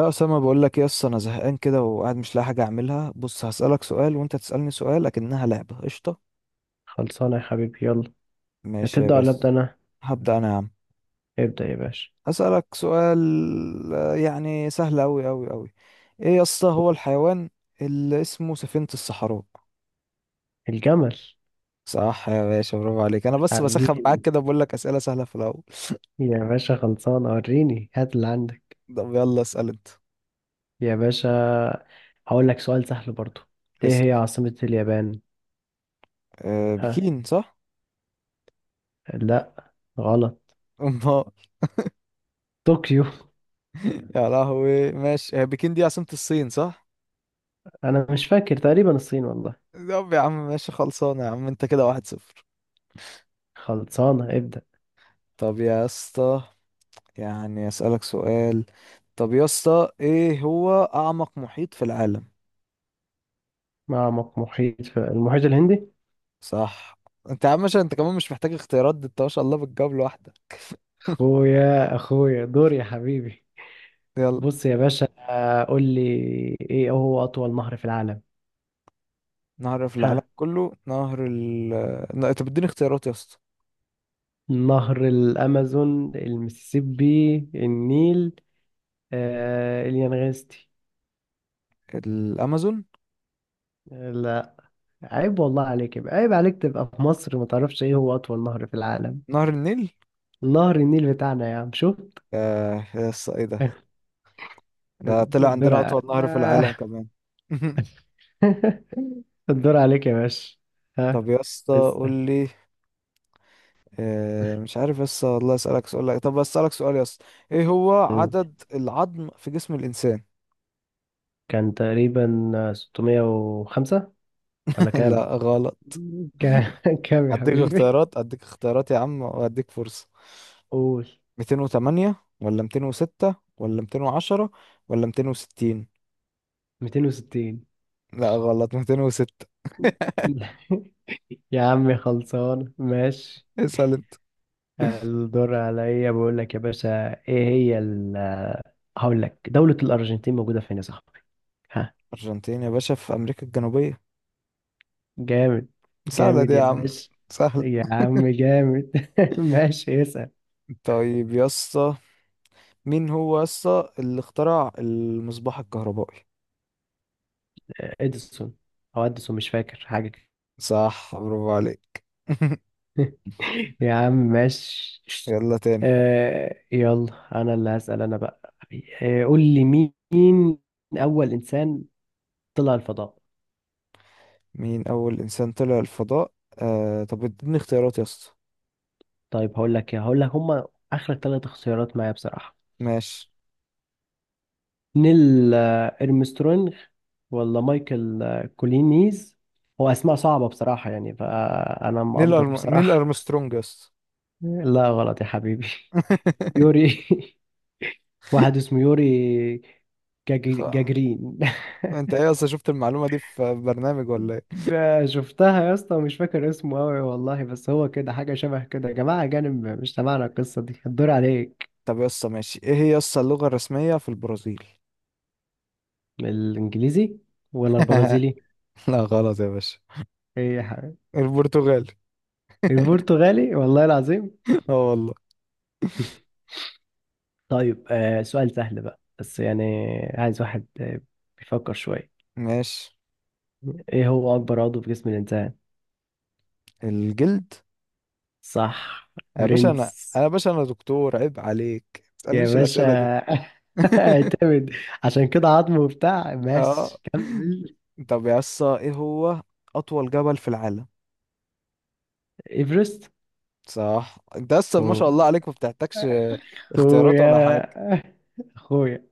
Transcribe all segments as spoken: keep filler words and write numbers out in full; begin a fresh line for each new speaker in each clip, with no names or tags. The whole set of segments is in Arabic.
يا اسامه، بقول لك ايه، اصل انا زهقان كده وقاعد مش لاقي حاجه اعملها. بص هسالك سؤال وانت تسالني سؤال، لكنها لعبه. قشطه،
خلصانة يا حبيبي، يلا.
ماشي يا
هتبدأ ولا أبدأ
بس.
أنا؟
هبدا انا يا عم.
ابدأ يا باشا.
هسالك سؤال. آه، يعني سهل اوي اوي اوي. ايه يا اسطى هو الحيوان اللي اسمه سفينه الصحراء؟
الجمل.
صح يا باشا، برافو عليك. انا بس بسخن معاك
حبيبي.
كده بقول لك اسئله سهله في الاول.
يا باشا خلصانة، وريني هات اللي عندك.
طب يلا اسال انت.
يا باشا هقول لك سؤال سهل برضو. إيه
اسال.
هي عاصمة اليابان؟
أه
ها؟
بكين، صح؟
لا، غلط.
امال؟
طوكيو.
يا لهوي، ماشي. هي بكين دي عاصمه الصين، صح؟
أنا مش فاكر، تقريبا الصين والله.
طب يا عم ماشي، خلصانة يا عم، انت كده واحد صفر.
خلصانة، ابدأ.
طب يا اسطى، يعني اسألك سؤال. طب يا اسطى، ايه هو أعمق محيط في العالم؟
معمق محيط في المحيط الهندي.
صح. انت يا عم، عشان انت كمان مش محتاج اختيارات دي، انت ما شاء الله بتجاوب لوحدك.
أخويا أخويا دور يا حبيبي.
يلا.
بص يا باشا، آه، قول لي. إيه هو أطول نهر في العالم؟
نهر في العالم
ها؟
كله، نهر ال... نا- طب اديني اختيارات يا اسطى.
نهر الأمازون، المسيسيبي، النيل، آه اليانغستي.
الأمازون.
لا. عيب والله عليك، يبقى عيب عليك تبقى في مصر ما تعرفش ايه هو أطول نهر في العالم.
نهر النيل.
نهر النيل بتاعنا يا عم، شفت.
آه يا اسطى ايه ده؟ ده طلع
الدور
عندنا
ع-
أطول نهر في العالم
آه.
كمان.
الدور عليك يا باشا. ها.
طب يا اسطى قول
اسأل.
لي. آه، مش عارف بس والله اسالك سؤال لك. طب اسالك سؤال يا اسطى، ايه هو عدد العظم في جسم الانسان؟
كان تقريبا ستمائة وخمسة، ولا كام؟
لا غلط.
كام كام يا
اديك
حبيبي؟
اختيارات، اديك اختيارات يا عم، واديك فرصة.
قول.
مئتين وتمانية ولا مئتين وستة ولا مئتين وعشرة ولا مئتين وستين؟
ميتين وستين.
لا غلط، مئتين وستة.
يا عم خلصان، ماشي.
اسال انت.
الدور عليا، بقول لك يا باشا، ايه هي ال آه، هقول لك دولة الأرجنتين موجودة فين يا صاحبي. ها.
ارجنتين يا باشا في امريكا الجنوبية.
جامد.
سهلة دي
جامد يا
يا عم.
باشا.
سهل.
يا عم جامد. ماشي، اسأل.
طيب يا اسطى، مين هو يا اسطى اللي اخترع المصباح الكهربائي؟
اديسون. او اديسون، مش فاكر حاجة كده.
صح، برافو عليك.
يا عم ماشي.
يلا تاني.
آه يلا انا اللي هسأل انا بقى. آه قول لي. مين اول انسان طلع الفضاء؟
مين أول إنسان طلع الفضاء؟ آه طب اديني اختيارات يا اسطى.
طيب هقول لك ايه، هقول لك، هما اخر ثلاث اختيارات معايا بصراحه.
ماشي.
نيل آه، ارمسترونج، ولا مايكل آه، كولينيز. هو اسماء صعبه بصراحه يعني، فانا
نيل
مقدر
أرم... نيل
بصراحه.
أرمسترونج يا اسطى.
لا، غلط يا حبيبي. يوري. واحد اسمه يوري جاجي-
خ-
جاجرين.
انت ايه يا اسطى، شفت المعلومة دي في برنامج ولا ايه؟
ب- شفتها يا اسطى، ومش فاكر اسمه قوي والله، بس هو كده حاجه شبه كده، يا جماعه اجانب مش تبعنا، القصه دي الدور عليك.
طب يا اسطى ماشي، ايه هي يا اسطى اللغة الرسمية في البرازيل؟
الانجليزي ولا البرازيلي.
لا غلط يا باشا.
ايه يا حبيبي.
البرتغالي.
البرتغالي والله العظيم.
اه والله.
طيب آه سؤال سهل بقى، بس يعني عايز واحد آه، بيفكر شوية.
ماشي.
ايه هو اكبر عضو في جسم الانسان؟
الجلد.
صح.
يا باشا، انا
برنس.
انا يا باشا انا دكتور، عيب عليك ما
يا
تسألنيش
باشا.
الأسئلة دي.
اعتمد. عشان كده، عظمه وبتاع،
اه.
ماشي كمل.
طب يا اسطى، ايه هو أطول جبل في العالم؟
ايفرست.
صح. انت اصلا ما شاء الله
أوه.
عليك ما بتحتاجش اختيارات ولا
اخويا.
حاجه.
اخويا.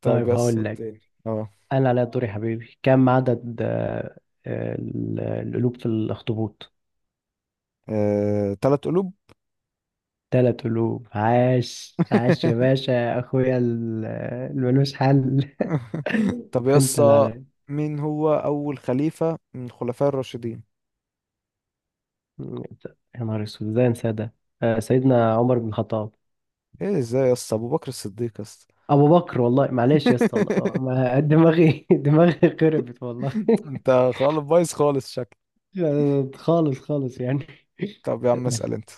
طب
طيب
يس
هقول لك،
تاني. اه.
انا على دوري يا حبيبي، كم عدد آه، آه، ال- القلوب في الاخطبوط؟
آه، تلات قلوب.
تلات قلوب، عاش عاش يا باشا. اخويا ال- الملوش حل.
طب
انت
يس،
اللي عليك.
مين هو اول خليفه من الخلفاء الراشدين؟
يا نهار اسود، ازاي انسى ده. آه، سيدنا عمر بن الخطاب.
ايه ازاي يس، ابو بكر الصديق يس.
ابو بكر والله، معلش يا اسطى والله. ما- دماغي دماغي خربت والله.
انت خالص بايظ خالص شكل.
خالص خالص يعني.
طب يا عم اسال انت.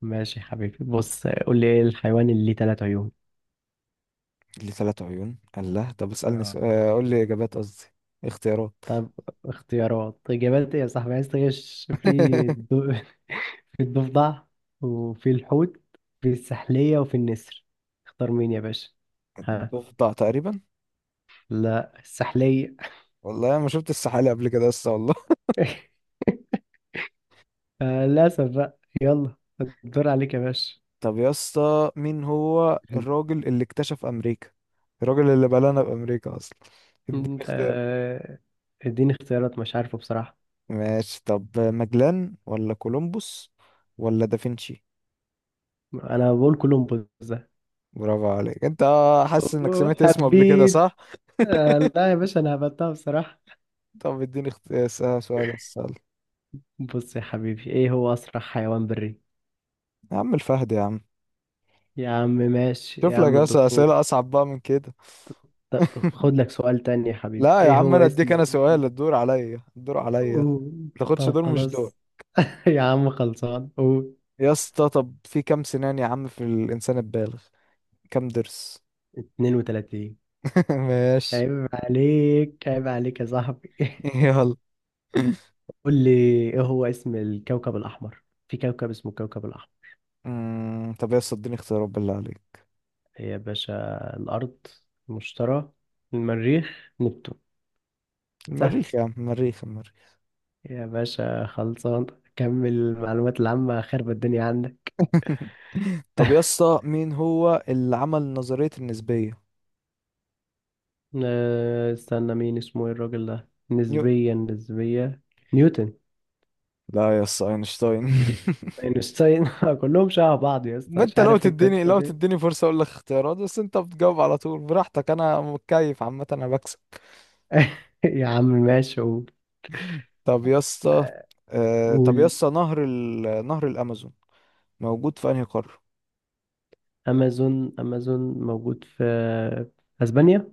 ماشي يا حبيبي، بص قول لي، ايه الحيوان اللي ليه تلات عيون؟
ليه تلات عيون؟ الله، طب اسالني
آه،
سؤال. آه، قول لي اجابات، قصدي اختيارات.
طب اختيارات، إجابات إيه يا صاحبي، عايز تغش؟ في الض... في الضفدع، وفي الحوت، في السحلية، وفي النسر. اختار مين يا باشا. ها.
ضفدع تقريبا.
لا، السحلية.
والله انا ما شفت السحالي قبل كده لسه والله.
آه، للأسف بقى، يلا. الدور عليك يا باشا.
طب يا اسطى، مين هو الراجل اللي اكتشف امريكا؟ الراجل اللي بلانا بامريكا اصلا. اديني
انت
اختيار.
آه، اديني اختيارات، مش عارفه بصراحة.
ماشي، طب ماجلان ولا كولومبوس ولا دافنشي؟
انا بقول كولومبوس ده.
برافو عليك انت. حاسس انك
أوه،
سمعت اسمه قبل كده،
حبيت.
صح؟
آه، لا يا باشا، انا هبتها بصراحة.
طب اديني اخت... آه، س- سؤال. اسال.
بص يا حبيبي، ايه هو اسرع حيوان بري؟
يا عم الفهد يا عم.
يا عم ماشي
شوف
يا
لك
عم
يا اسطى
الدكتور.
اسئله اصعب بقى من كده.
طب خد لك سؤال تاني يا حبيبي،
لا يا
ايه
عم،
هو
انا اديك
اسم؟
انا سؤال، الدور عليا الدور عليا.
قول.
تاخدش
طب
دور، مش دور.
خلاص. يا عم خلصان، قول.
يا اسطى، طب في كام سنان يا عم في الانسان البالغ؟ كام ضرس؟
اثنين وثلاثين.
ماشي.
عيب عليك، عيب عليك يا صاحبي.
يلا.
قول لي. ايه هو اسم الكوكب الأحمر؟ في كوكب اسمه الكوكب الأحمر.
أمم، طب يا اسطى اديني اختيارات بالله عليك.
إيه يا باشا. الأرض، المشتري، المريخ، نبتون. سهل.
المريخ يا عم، المريخ المريخ.
يا باشا خلصان. كمل، المعلومات العامة خرب الدنيا عندك.
طب يا اسطى، مين هو اللي عمل نظرية النسبية؟
آه، استنى، مين اسمه ايه الراجل ده،
نيو
نسبيا نسبية. نيوتن.
لا يا اسطى، اينشتاين.
اينشتاين. كلهم شبه بعض يا اسطى،
ما
مش
انت، لو
عارف ايه
تديني
القصة
لو
دي.
تديني فرصة اقول لك اختيارات، بس انت بتجاوب على طول براحتك. انا متكيف عامة، انا بكسب.
يا عم ماشي، قول.
طب يا اسطى، آه... طب يا
قول.
اسطى نهر ال... نهر الامازون موجود في انهي قارة؟
امازون امازون موجود في في اسبانيا.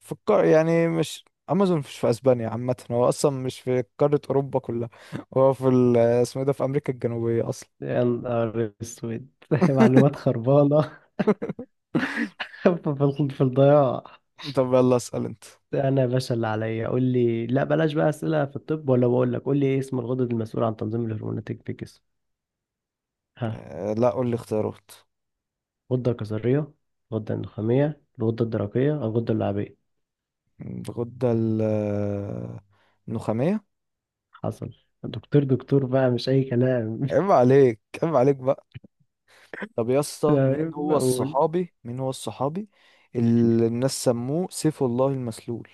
فكر يعني، مش امازون مش في اسبانيا، عامه هو اصلا مش في قاره اوروبا كلها. هو في ال- اسمه ايه ده، في امريكا الجنوبيه اصلا.
يا نهار اسود. معلومات خربانة. في ال- في الضياع.
طب يلا اسال انت.
انا يا باشا اللي عليا، قول لي، لا بلاش بقى اسئلة في الطب، ولا بقول لك، قول لي ايه اسم الغدد المسؤول عن تنظيم الهرمونات في الجسم. ها.
آه، لا قول لي اختيارات.
غدة كظرية، غدة اندوخامية، الغدة الدرقية، أو الغدة اللعابية.
الغده ال- آه، النخاميه.
حصل. دكتور دكتور بقى، مش أي كلام.
عيب عليك عيب عليك بقى. طب يا اسطى، مين
تمام،
هو
أقول.
الصحابي مين هو الصحابي اللي الناس سموه سيف الله المسلول؟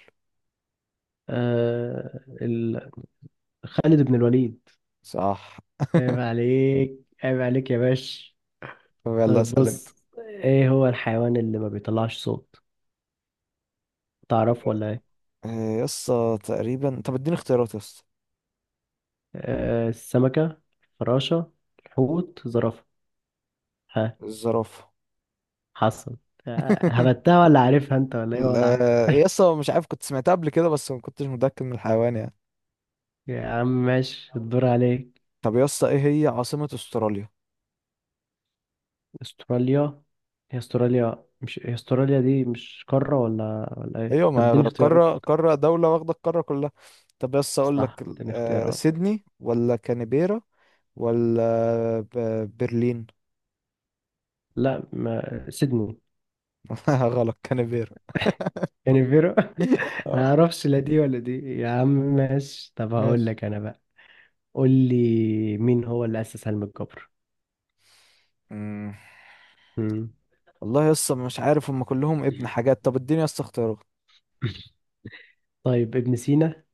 آه ال... خالد بن الوليد.
صح.
عيب عليك، عيب عليك يا باش.
طب يلا
طيب
اسال انت.
بص، إيه هو الحيوان اللي ما بيطلعش صوت؟ تعرفه ولا إيه؟
آه، يا اسطى تقريبا، طب اديني اختيارات يا اسطى.
آه السمكة، الفراشة، الحوت، زرافة. ها.
الزرافه.
حصل. آه، هبتها ولا عارفها أنت، ولا إيه
ال-
وضعك.
آه، يا اسطى مش عارف، كنت سمعتها قبل كده بس ما كنتش متأكد من الحيوان يعني.
يا عم ماشي، الدور عليك.
طب يا اسطى، ايه هي عاصمة استراليا؟
استراليا. هي استراليا، مش هي، استراليا دي مش قارة، ولا ولا ايه،
ايوه
طب
ما
اديني اختيارات.
قارة قارة، دولة واخدة القارة كلها. طب يا اسطى اقول لك
صح،
ال-
اديني
آه،
اختيارات.
سيدني ولا كانبيرا ولا ب- برلين؟
لا، ما سيدني.
غلط، كانبيرا.
كانبيرا.
آه،
ما اعرفش لا دي ولا دي، يا عم ماشي، طب هقول
ماشي.
لك انا بقى. قول لي، مين هو اللي اسس علم الجبر.
مم.
مم.
والله يا اسطى مش عارف، هم كلهم ابن حاجات. طب اديني يا اسطى اختيارات.
طيب، ابن سينا،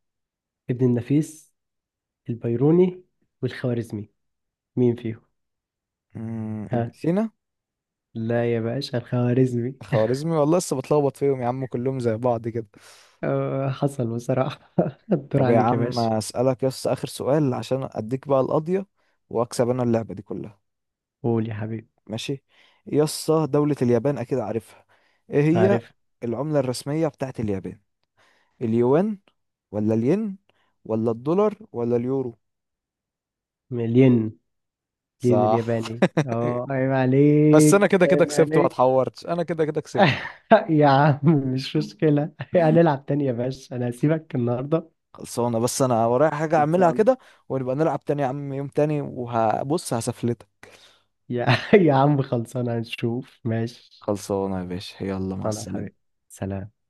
ابن النفيس، البيروني، والخوارزمي، مين فيهم؟
مم، ابن
ها.
سينا.
لا يا باشا، الخوارزمي.
خوارزمي والله، لسه بتلخبط فيهم يا عم، كلهم زي بعض كده.
آه، حصل بصراحة. الدور
طب يا
عليك يا
عم
باشا.
اسالك يس اخر سؤال عشان اديك بقى القضيه، واكسب انا اللعبه دي كلها.
قول يا حبيبي.
ماشي. يس دوله اليابان اكيد عارفها، ايه هي
عارف.
العمله الرسميه بتاعت اليابان؟ اليوان، ولا الين، ولا الدولار، ولا اليورو؟
مليون. مليون
صح.
الياباني. اه عيب
بس انا
عليك،
كده كده
عيب
كسبت، ما
عليك.
اتحورتش، انا كده كده كسبت.
يا عم، مش مشكلة. هنلعب تاني يا باشا، أنا هسيبك النهاردة.
خلصانه، بس انا ورايا حاجه اعملها
خلصان.
كده. ونبقى نلعب تاني يا عم، يوم تاني، وهبص هسفلتك.
يا يا عم خلصان، هنشوف ماشي.
خلصانه يا باشا، يلا مع
أنا حبيبي.
السلامه.
سلام.